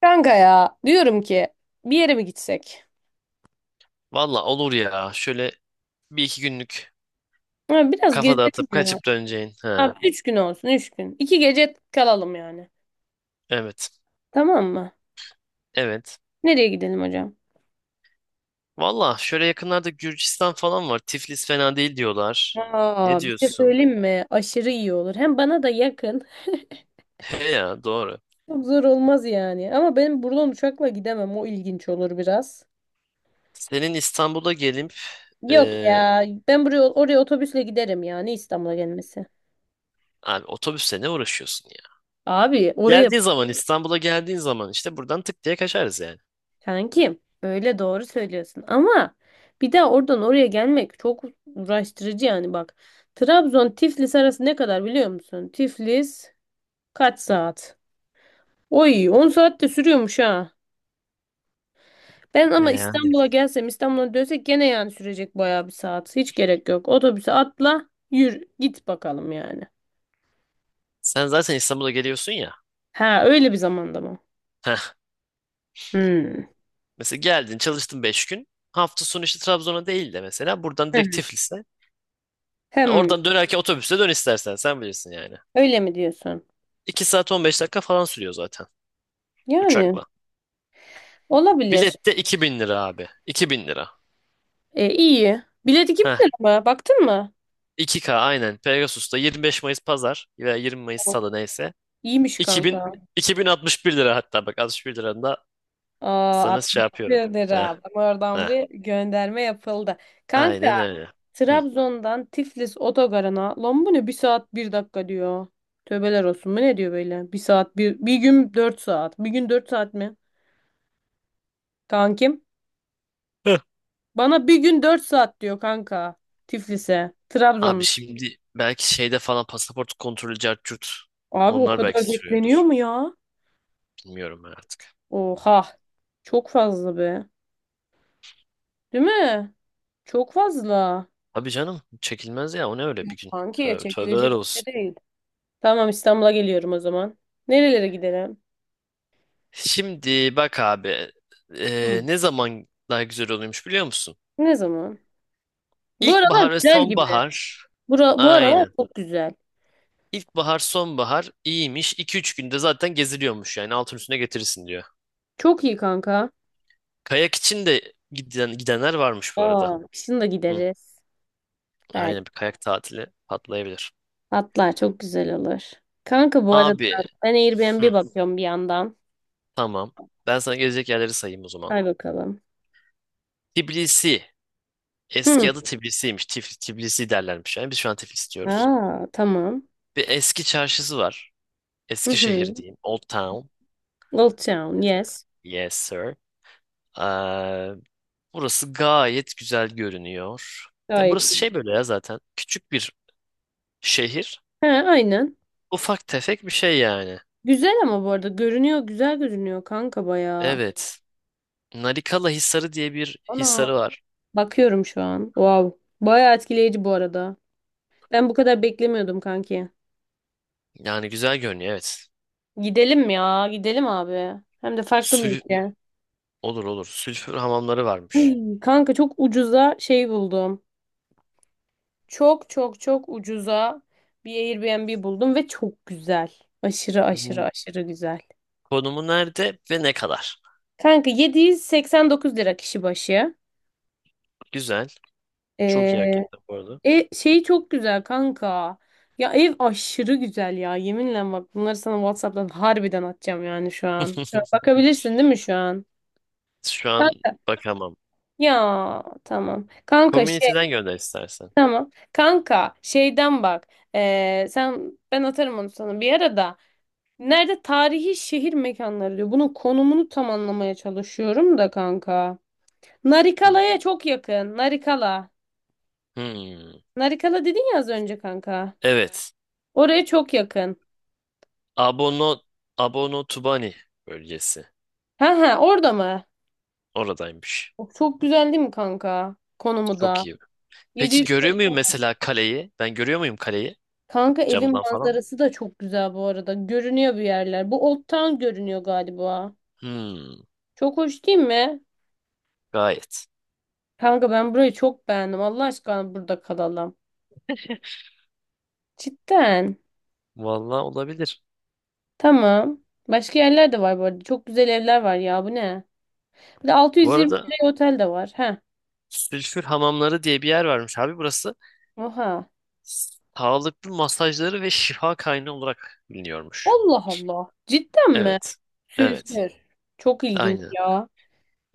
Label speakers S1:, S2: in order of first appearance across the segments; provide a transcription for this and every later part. S1: Kanka ya diyorum ki bir yere mi gitsek?
S2: Valla olur ya. Şöyle bir iki günlük
S1: Ha, biraz
S2: kafa
S1: gezelim
S2: dağıtıp
S1: ya.
S2: kaçıp döneceğin. Ha,
S1: Abi 3 gün olsun 3 gün. 2 gece kalalım yani.
S2: evet.
S1: Tamam mı?
S2: Evet.
S1: Nereye gidelim hocam?
S2: Valla şöyle yakınlarda Gürcistan falan var. Tiflis fena değil diyorlar. Ne
S1: Aa, bir şey
S2: diyorsun?
S1: söyleyeyim mi? Aşırı iyi olur. Hem bana da yakın.
S2: He ya doğru.
S1: Çok zor olmaz yani. Ama benim buradan uçakla gidemem. O ilginç olur biraz.
S2: Senin İstanbul'a gelip
S1: Yok
S2: e,
S1: ya. Ben buraya oraya otobüsle giderim yani İstanbul'a gelmesi.
S2: abi otobüsle ne uğraşıyorsun ya?
S1: Abi oraya
S2: Geldiğin zaman İstanbul'a geldiğin zaman işte buradan tık diye kaçarız yani.
S1: Kankim öyle doğru söylüyorsun ama bir daha oradan oraya gelmek çok uğraştırıcı yani bak. Trabzon Tiflis arası ne kadar biliyor musun? Tiflis kaç saat? Oy 10 saat de sürüyormuş ha. Ben
S2: E,
S1: ama
S2: yani.
S1: İstanbul'a gelsem İstanbul'a dönsek gene yani sürecek bayağı bir saat. Hiç gerek yok. Otobüse atla yürü git bakalım yani.
S2: Sen zaten İstanbul'a geliyorsun ya.
S1: Ha öyle bir zamanda mı?
S2: Heh,
S1: Hmm.
S2: mesela geldin çalıştın 5 gün. Hafta sonu işte Trabzon'a değil de mesela buradan direkt
S1: Heh.
S2: Tiflis'e.
S1: Hem
S2: Oradan dönerken otobüste dön istersen sen bilirsin yani.
S1: Öyle mi diyorsun?
S2: 2 saat 15 dakika falan sürüyor zaten
S1: Yani
S2: uçakla.
S1: olabilir.
S2: Bilet de 2.000 lira abi. 2.000 lira.
S1: E, iyi. Bilet iki bin
S2: Heh,
S1: lira mı? Baktın mı?
S2: 2K aynen. Pegasus'ta 25 Mayıs pazar veya 20 Mayıs salı neyse.
S1: İyiymiş
S2: İki iki bin
S1: kanka.
S2: iki bin altmış bir lira hatta bak 61 liranın da
S1: Aa,
S2: sana şey
S1: 62
S2: yapıyorum. Heh,
S1: lira. Bak oradan
S2: heh.
S1: bir gönderme yapıldı. Kanka
S2: Aynen öyle. Hı.
S1: Trabzon'dan Tiflis otogarına lan bu ne 1 saat 1 dakika diyor. Tövbeler olsun. Bu ne diyor böyle? Bir saat bir, 1 gün 4 saat. 1 gün 4 saat mi? Kankim.
S2: Heh.
S1: Bana bir gün dört saat diyor kanka. Tiflis'e.
S2: Abi
S1: Trabzon.
S2: şimdi belki şeyde falan pasaport kontrolü cart curt.
S1: Abi o
S2: Onlar belki
S1: kadar
S2: sürüyordur.
S1: bekleniyor mu ya?
S2: Bilmiyorum ben artık.
S1: Oha. Çok fazla be. Değil mi? Çok fazla.
S2: Abi canım çekilmez ya o ne öyle bir gün.
S1: Kanki
S2: Tövbe, tövbeler
S1: çekilecek bir
S2: olsun.
S1: şey değil. Tamam İstanbul'a geliyorum o zaman. Nerelere gidelim?
S2: Şimdi bak abi
S1: Hı.
S2: ne zaman daha güzel oluyormuş biliyor musun?
S1: Ne zaman? Bu aralar
S2: İlkbahar ve
S1: güzel gibi.
S2: sonbahar
S1: Bu aralar
S2: aynen.
S1: çok güzel.
S2: İlkbahar sonbahar iyiymiş. İki üç günde zaten geziliyormuş yani altın üstüne getirirsin diyor.
S1: Çok iyi kanka.
S2: Kayak için de gidenler varmış bu arada.
S1: Aa, kışın da
S2: Hı,
S1: gideriz. Belki.
S2: aynen bir kayak tatili patlayabilir.
S1: Hatta çok güzel olur. Kanka bu arada
S2: Abi
S1: ben Airbnb
S2: hı,
S1: bakıyorum bir yandan.
S2: tamam ben sana gezecek yerleri sayayım o zaman.
S1: Hay bakalım.
S2: Tbilisi eski
S1: Hı.
S2: adı Tbilisi'ymiş. Tbilisi derlermiş yani biz şu an Tiflis diyoruz.
S1: Aa, tamam.
S2: Bir eski çarşısı var.
S1: Hı
S2: Eskişehir
S1: hı.
S2: diyeyim. Old Town.
S1: Old Town, yes.
S2: Yes sir. Ee, burası gayet güzel görünüyor. Ya
S1: Gayet
S2: burası
S1: iyi.
S2: şey böyle ya zaten. Küçük bir şehir.
S1: He, aynen.
S2: Ufak tefek bir şey yani.
S1: Güzel ama bu arada görünüyor, güzel görünüyor kanka bayağı.
S2: Evet. Narikala Hisarı diye bir
S1: Ana.
S2: hisarı var.
S1: Bakıyorum şu an. Wow. Bayağı etkileyici bu arada. Ben bu kadar beklemiyordum kanki.
S2: Yani güzel görünüyor evet.
S1: Gidelim ya. Gidelim abi. Hem de farklı bir
S2: Sül
S1: ülke.
S2: olur olur. Sülfür hamamları varmış.
S1: Ay, kanka çok ucuza şey buldum. Çok çok çok ucuza bir Airbnb buldum ve çok güzel. Aşırı aşırı
S2: Hmm,
S1: aşırı güzel.
S2: Konumu nerede ve ne kadar?
S1: Kanka 789 lira kişi başı.
S2: Güzel. Çok iyi
S1: Ee,
S2: hakikaten bu arada.
S1: şey çok güzel kanka. Ya ev aşırı güzel ya. Yeminle bak bunları sana WhatsApp'tan harbiden atacağım yani şu an. Şu an bakabilirsin değil mi şu an?
S2: Şu an
S1: Kan-
S2: bakamam.
S1: Ya tamam. Kanka şey
S2: Community'den gönder istersen.
S1: tamam. Kanka şeyden bak. Sen ben atarım onu sana bir ara da. Nerede tarihi şehir mekanları diyor. Bunun konumunu tam anlamaya çalışıyorum da kanka.
S2: Hmm.
S1: Narikala'ya çok yakın. Narikala.
S2: Hmm.
S1: Narikala dedin ya az önce kanka.
S2: Evet.
S1: Oraya çok yakın.
S2: Abono Abono Tubani bölgesi.
S1: Ha ha orada mı?
S2: Oradaymış.
S1: Çok güzel değil mi kanka? Konumu
S2: Çok
S1: da.
S2: iyi. Peki
S1: 700 te-
S2: görüyor muyum mesela kaleyi? Ben görüyor muyum kaleyi?
S1: Kanka evin
S2: Camdan falan.
S1: manzarası da çok güzel bu arada. Görünüyor bir yerler. Bu Old Town görünüyor galiba.
S2: Hmm,
S1: Çok hoş değil mi?
S2: gayet.
S1: Kanka ben burayı çok beğendim. Allah aşkına burada kalalım. Cidden.
S2: Vallahi olabilir.
S1: Tamam. Başka yerler de var bu arada. Çok güzel evler var ya. Bu ne? Bir de
S2: Bu
S1: 620
S2: arada
S1: liraya otel de var. Heh.
S2: sülfür hamamları diye bir yer varmış abi burası.
S1: Oha.
S2: Sağlıklı masajları ve şifa kaynağı olarak biliniyormuş.
S1: Allah Allah. Cidden mi?
S2: Evet. Evet.
S1: Sülfür. Çok ilginç
S2: Aynen.
S1: ya.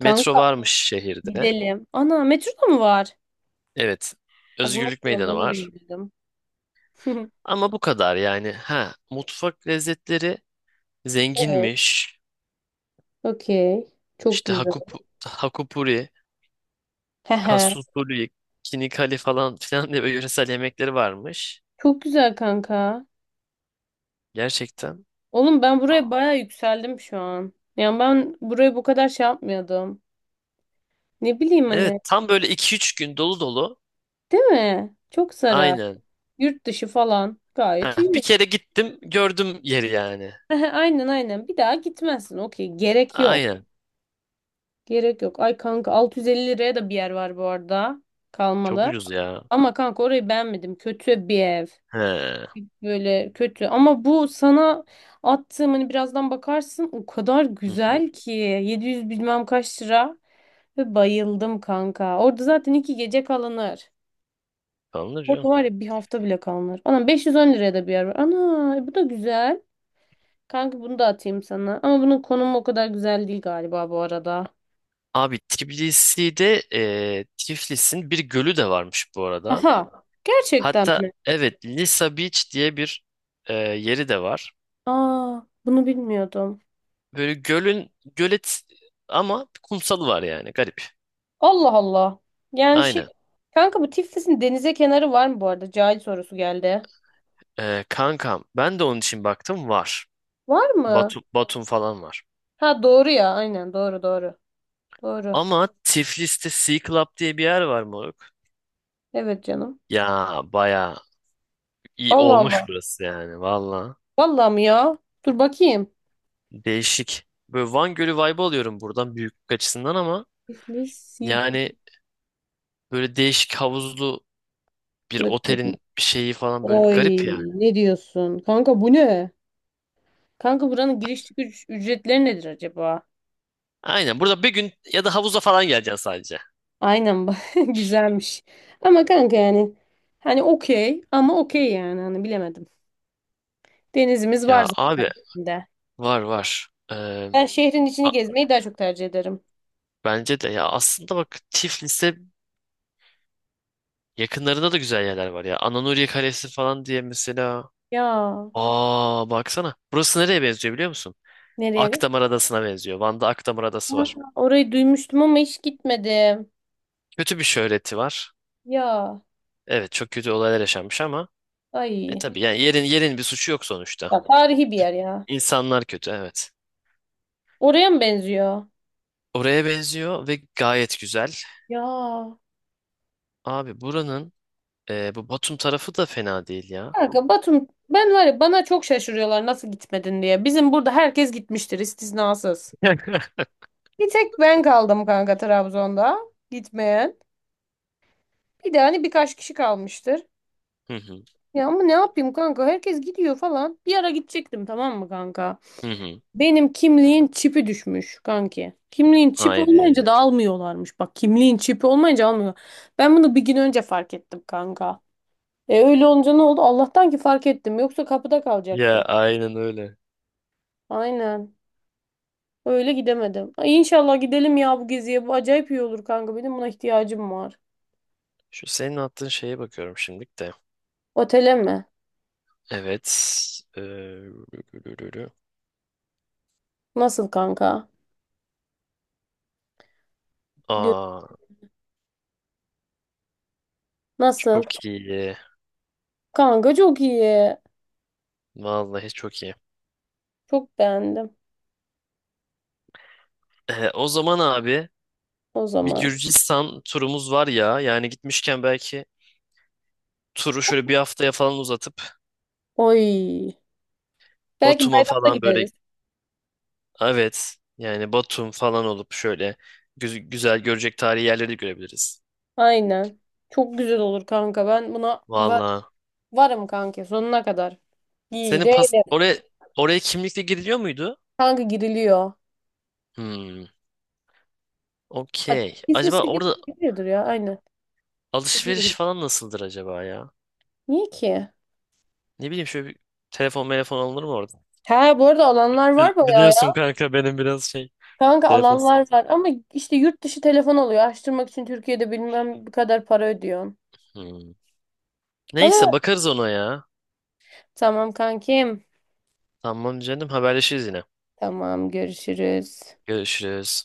S2: Metro varmış şehirde.
S1: gidelim. Ana metroda mı var?
S2: Evet.
S1: Bak nasıl
S2: Özgürlük Meydanı
S1: olduğunu
S2: var.
S1: bilmiyordum.
S2: Ama bu kadar yani. Ha, mutfak lezzetleri
S1: Evet.
S2: zenginmiş.
S1: Okey. Çok
S2: İşte
S1: güzel.
S2: Hakupuri,
S1: Hehe.
S2: Kasusuri, Kinikali falan filan diye böyle yöresel yemekleri varmış.
S1: Çok güzel kanka.
S2: Gerçekten.
S1: Oğlum ben buraya baya yükseldim şu an. Yani ben buraya bu kadar şey yapmıyordum. Ne bileyim
S2: Evet
S1: hani.
S2: tam böyle iki üç gün dolu dolu.
S1: Değil mi? Çok zarar.
S2: Aynen.
S1: Yurt dışı falan.
S2: Ha,
S1: Gayet
S2: bir
S1: iyi.
S2: kere gittim gördüm yeri yani.
S1: Aynen aynen. Bir daha gitmezsin. Okey. Gerek yok.
S2: Aynen.
S1: Gerek yok. Ay kanka 650 liraya da bir yer var bu arada.
S2: Çok
S1: Kalmalı.
S2: ucuz ya.
S1: Ama kanka orayı beğenmedim. Kötü bir ev.
S2: He.
S1: Böyle kötü. Ama bu sana attığım hani birazdan bakarsın o kadar
S2: Hı,
S1: güzel ki 700 bilmem kaç lira ve bayıldım kanka. Orada zaten 2 gece kalınır.
S2: alınır
S1: Orada
S2: canım.
S1: var ya bir hafta bile kalınır. Anam 510 liraya da bir yer var. Ana bu da güzel. Kanka bunu da atayım sana. Ama bunun konumu o kadar güzel değil galiba bu arada.
S2: Abi Tiflis'in bir gölü de varmış bu arada.
S1: Aha. Gerçekten
S2: Hatta
S1: mi?
S2: evet Lisa Beach diye bir yeri de var.
S1: Aa, bunu bilmiyordum.
S2: Böyle gölet ama kumsalı var yani garip.
S1: Allah Allah. Yani şey
S2: Aynen.
S1: kanka bu Tiflis'in denize kenarı var mı bu arada? Cahil sorusu geldi.
S2: Kankam ben de onun için baktım var.
S1: Var mı?
S2: Batum falan var.
S1: Ha doğru ya aynen doğru doğru. Doğru.
S2: Ama Tiflis'te Sea Club diye bir yer var moruk.
S1: Evet canım.
S2: Ya baya iyi
S1: Allah
S2: olmuş
S1: Allah.
S2: burası yani valla.
S1: Vallahi mi ya? Dur bakayım.
S2: Değişik. Böyle Van Gölü vibe alıyorum buradan büyüklük açısından ama
S1: İflis yıkıklık.
S2: yani böyle değişik havuzlu bir otelin bir şeyi falan böyle bir
S1: Oy
S2: garip yani.
S1: ne diyorsun? Kanka bu ne? Kanka buranın giriş çıkış ücretleri nedir acaba?
S2: Aynen burada bir gün ya da havuza falan geleceksin sadece.
S1: Aynen bak güzelmiş. Ama kanka yani hani okey ama okey yani hani bilemedim. Denizimiz var
S2: Ya abi
S1: zaten de.
S2: var var.
S1: Ben şehrin
S2: A-
S1: içini gezmeyi daha çok tercih ederim.
S2: bence de ya aslında bak Tiflis'e yakınlarında da güzel yerler var ya. Ananuriye Kalesi falan diye mesela.
S1: Ya
S2: Aa, baksana. Burası nereye benziyor biliyor musun?
S1: nereye?
S2: Akdamar Adası'na benziyor. Van'da Akdamar Adası
S1: Aha,
S2: var.
S1: orayı duymuştum ama hiç gitmedim.
S2: Kötü bir şöhreti var.
S1: Ya
S2: Evet çok kötü olaylar yaşanmış ama
S1: ay.
S2: tabii yani yerin bir suçu yok sonuçta.
S1: Ya tarihi bir yer ya.
S2: İnsanlar kötü evet.
S1: Oraya mı benziyor?
S2: Oraya benziyor ve gayet güzel.
S1: Ya.
S2: Abi bu Batum tarafı da fena değil ya.
S1: Kanka Batum ben var ya bana çok şaşırıyorlar nasıl gitmedin diye. Bizim burada herkes gitmiştir istisnasız. Bir tek ben kaldım kanka Trabzon'da gitmeyen. Bir de hani birkaç kişi kalmıştır.
S2: Hı hı.
S1: Ya ama ne yapayım kanka herkes gidiyor falan. Bir ara gidecektim tamam mı kanka?
S2: Hı hı.
S1: Benim kimliğin çipi düşmüş kanki. Kimliğin çipi
S2: Haydi.
S1: olmayınca da almıyorlarmış. Bak kimliğin çipi olmayınca almıyor. Ben bunu bir gün önce fark ettim kanka. E öyle olunca ne oldu? Allah'tan ki fark ettim. Yoksa kapıda
S2: Ya
S1: kalacaktı.
S2: aynen öyle.
S1: Aynen. Öyle gidemedim. Ay inşallah gidelim ya bu geziye. Bu acayip iyi olur kanka. Benim buna ihtiyacım var.
S2: Şu senin attığın şeye bakıyorum şimdilik de.
S1: Otele mi?
S2: Evet. Ee, rü-
S1: Nasıl kanka? Gö-
S2: Aa,
S1: Nasıl?
S2: çok iyi.
S1: Kanka çok iyi.
S2: Vallahi çok iyi.
S1: Çok beğendim.
S2: O zaman abi
S1: O
S2: bir
S1: zaman.
S2: Gürcistan turumuz var ya. Yani gitmişken belki turu şöyle bir haftaya falan uzatıp
S1: Oy. Belki
S2: Batum'a
S1: bayramda
S2: falan böyle
S1: gideriz.
S2: evet yani Batum falan olup şöyle güzel görecek tarihi yerleri de görebiliriz.
S1: Aynen. Çok güzel olur kanka. Ben buna var
S2: Vallahi.
S1: varım kanka sonuna kadar. İyi
S2: Senin
S1: değil.
S2: pas oraya oraya kimlikle giriliyor muydu?
S1: Kanka giriliyor.
S2: Hmm.
S1: Hatta
S2: Okey. Acaba
S1: İsviçre
S2: orada
S1: giriliyordur ya. Aynen.
S2: alışveriş
S1: Giriliyor.
S2: falan nasıldır acaba ya?
S1: Niye ki?
S2: Ne bileyim şöyle bir telefon alınır mı orada?
S1: Ha bu arada alanlar
S2: Bi-
S1: var bayağı
S2: Biliyorsun
S1: ya.
S2: kanka benim biraz şey
S1: Kanka
S2: telefon.
S1: alanlar var ama işte yurt dışı telefon oluyor. Açtırmak için Türkiye'de bilmem bu kadar para ödüyorsun.
S2: Hmm.
S1: Ama
S2: Neyse bakarız ona ya.
S1: tamam kankim.
S2: Tamam canım haberleşiriz yine.
S1: Tamam görüşürüz.
S2: Görüşürüz.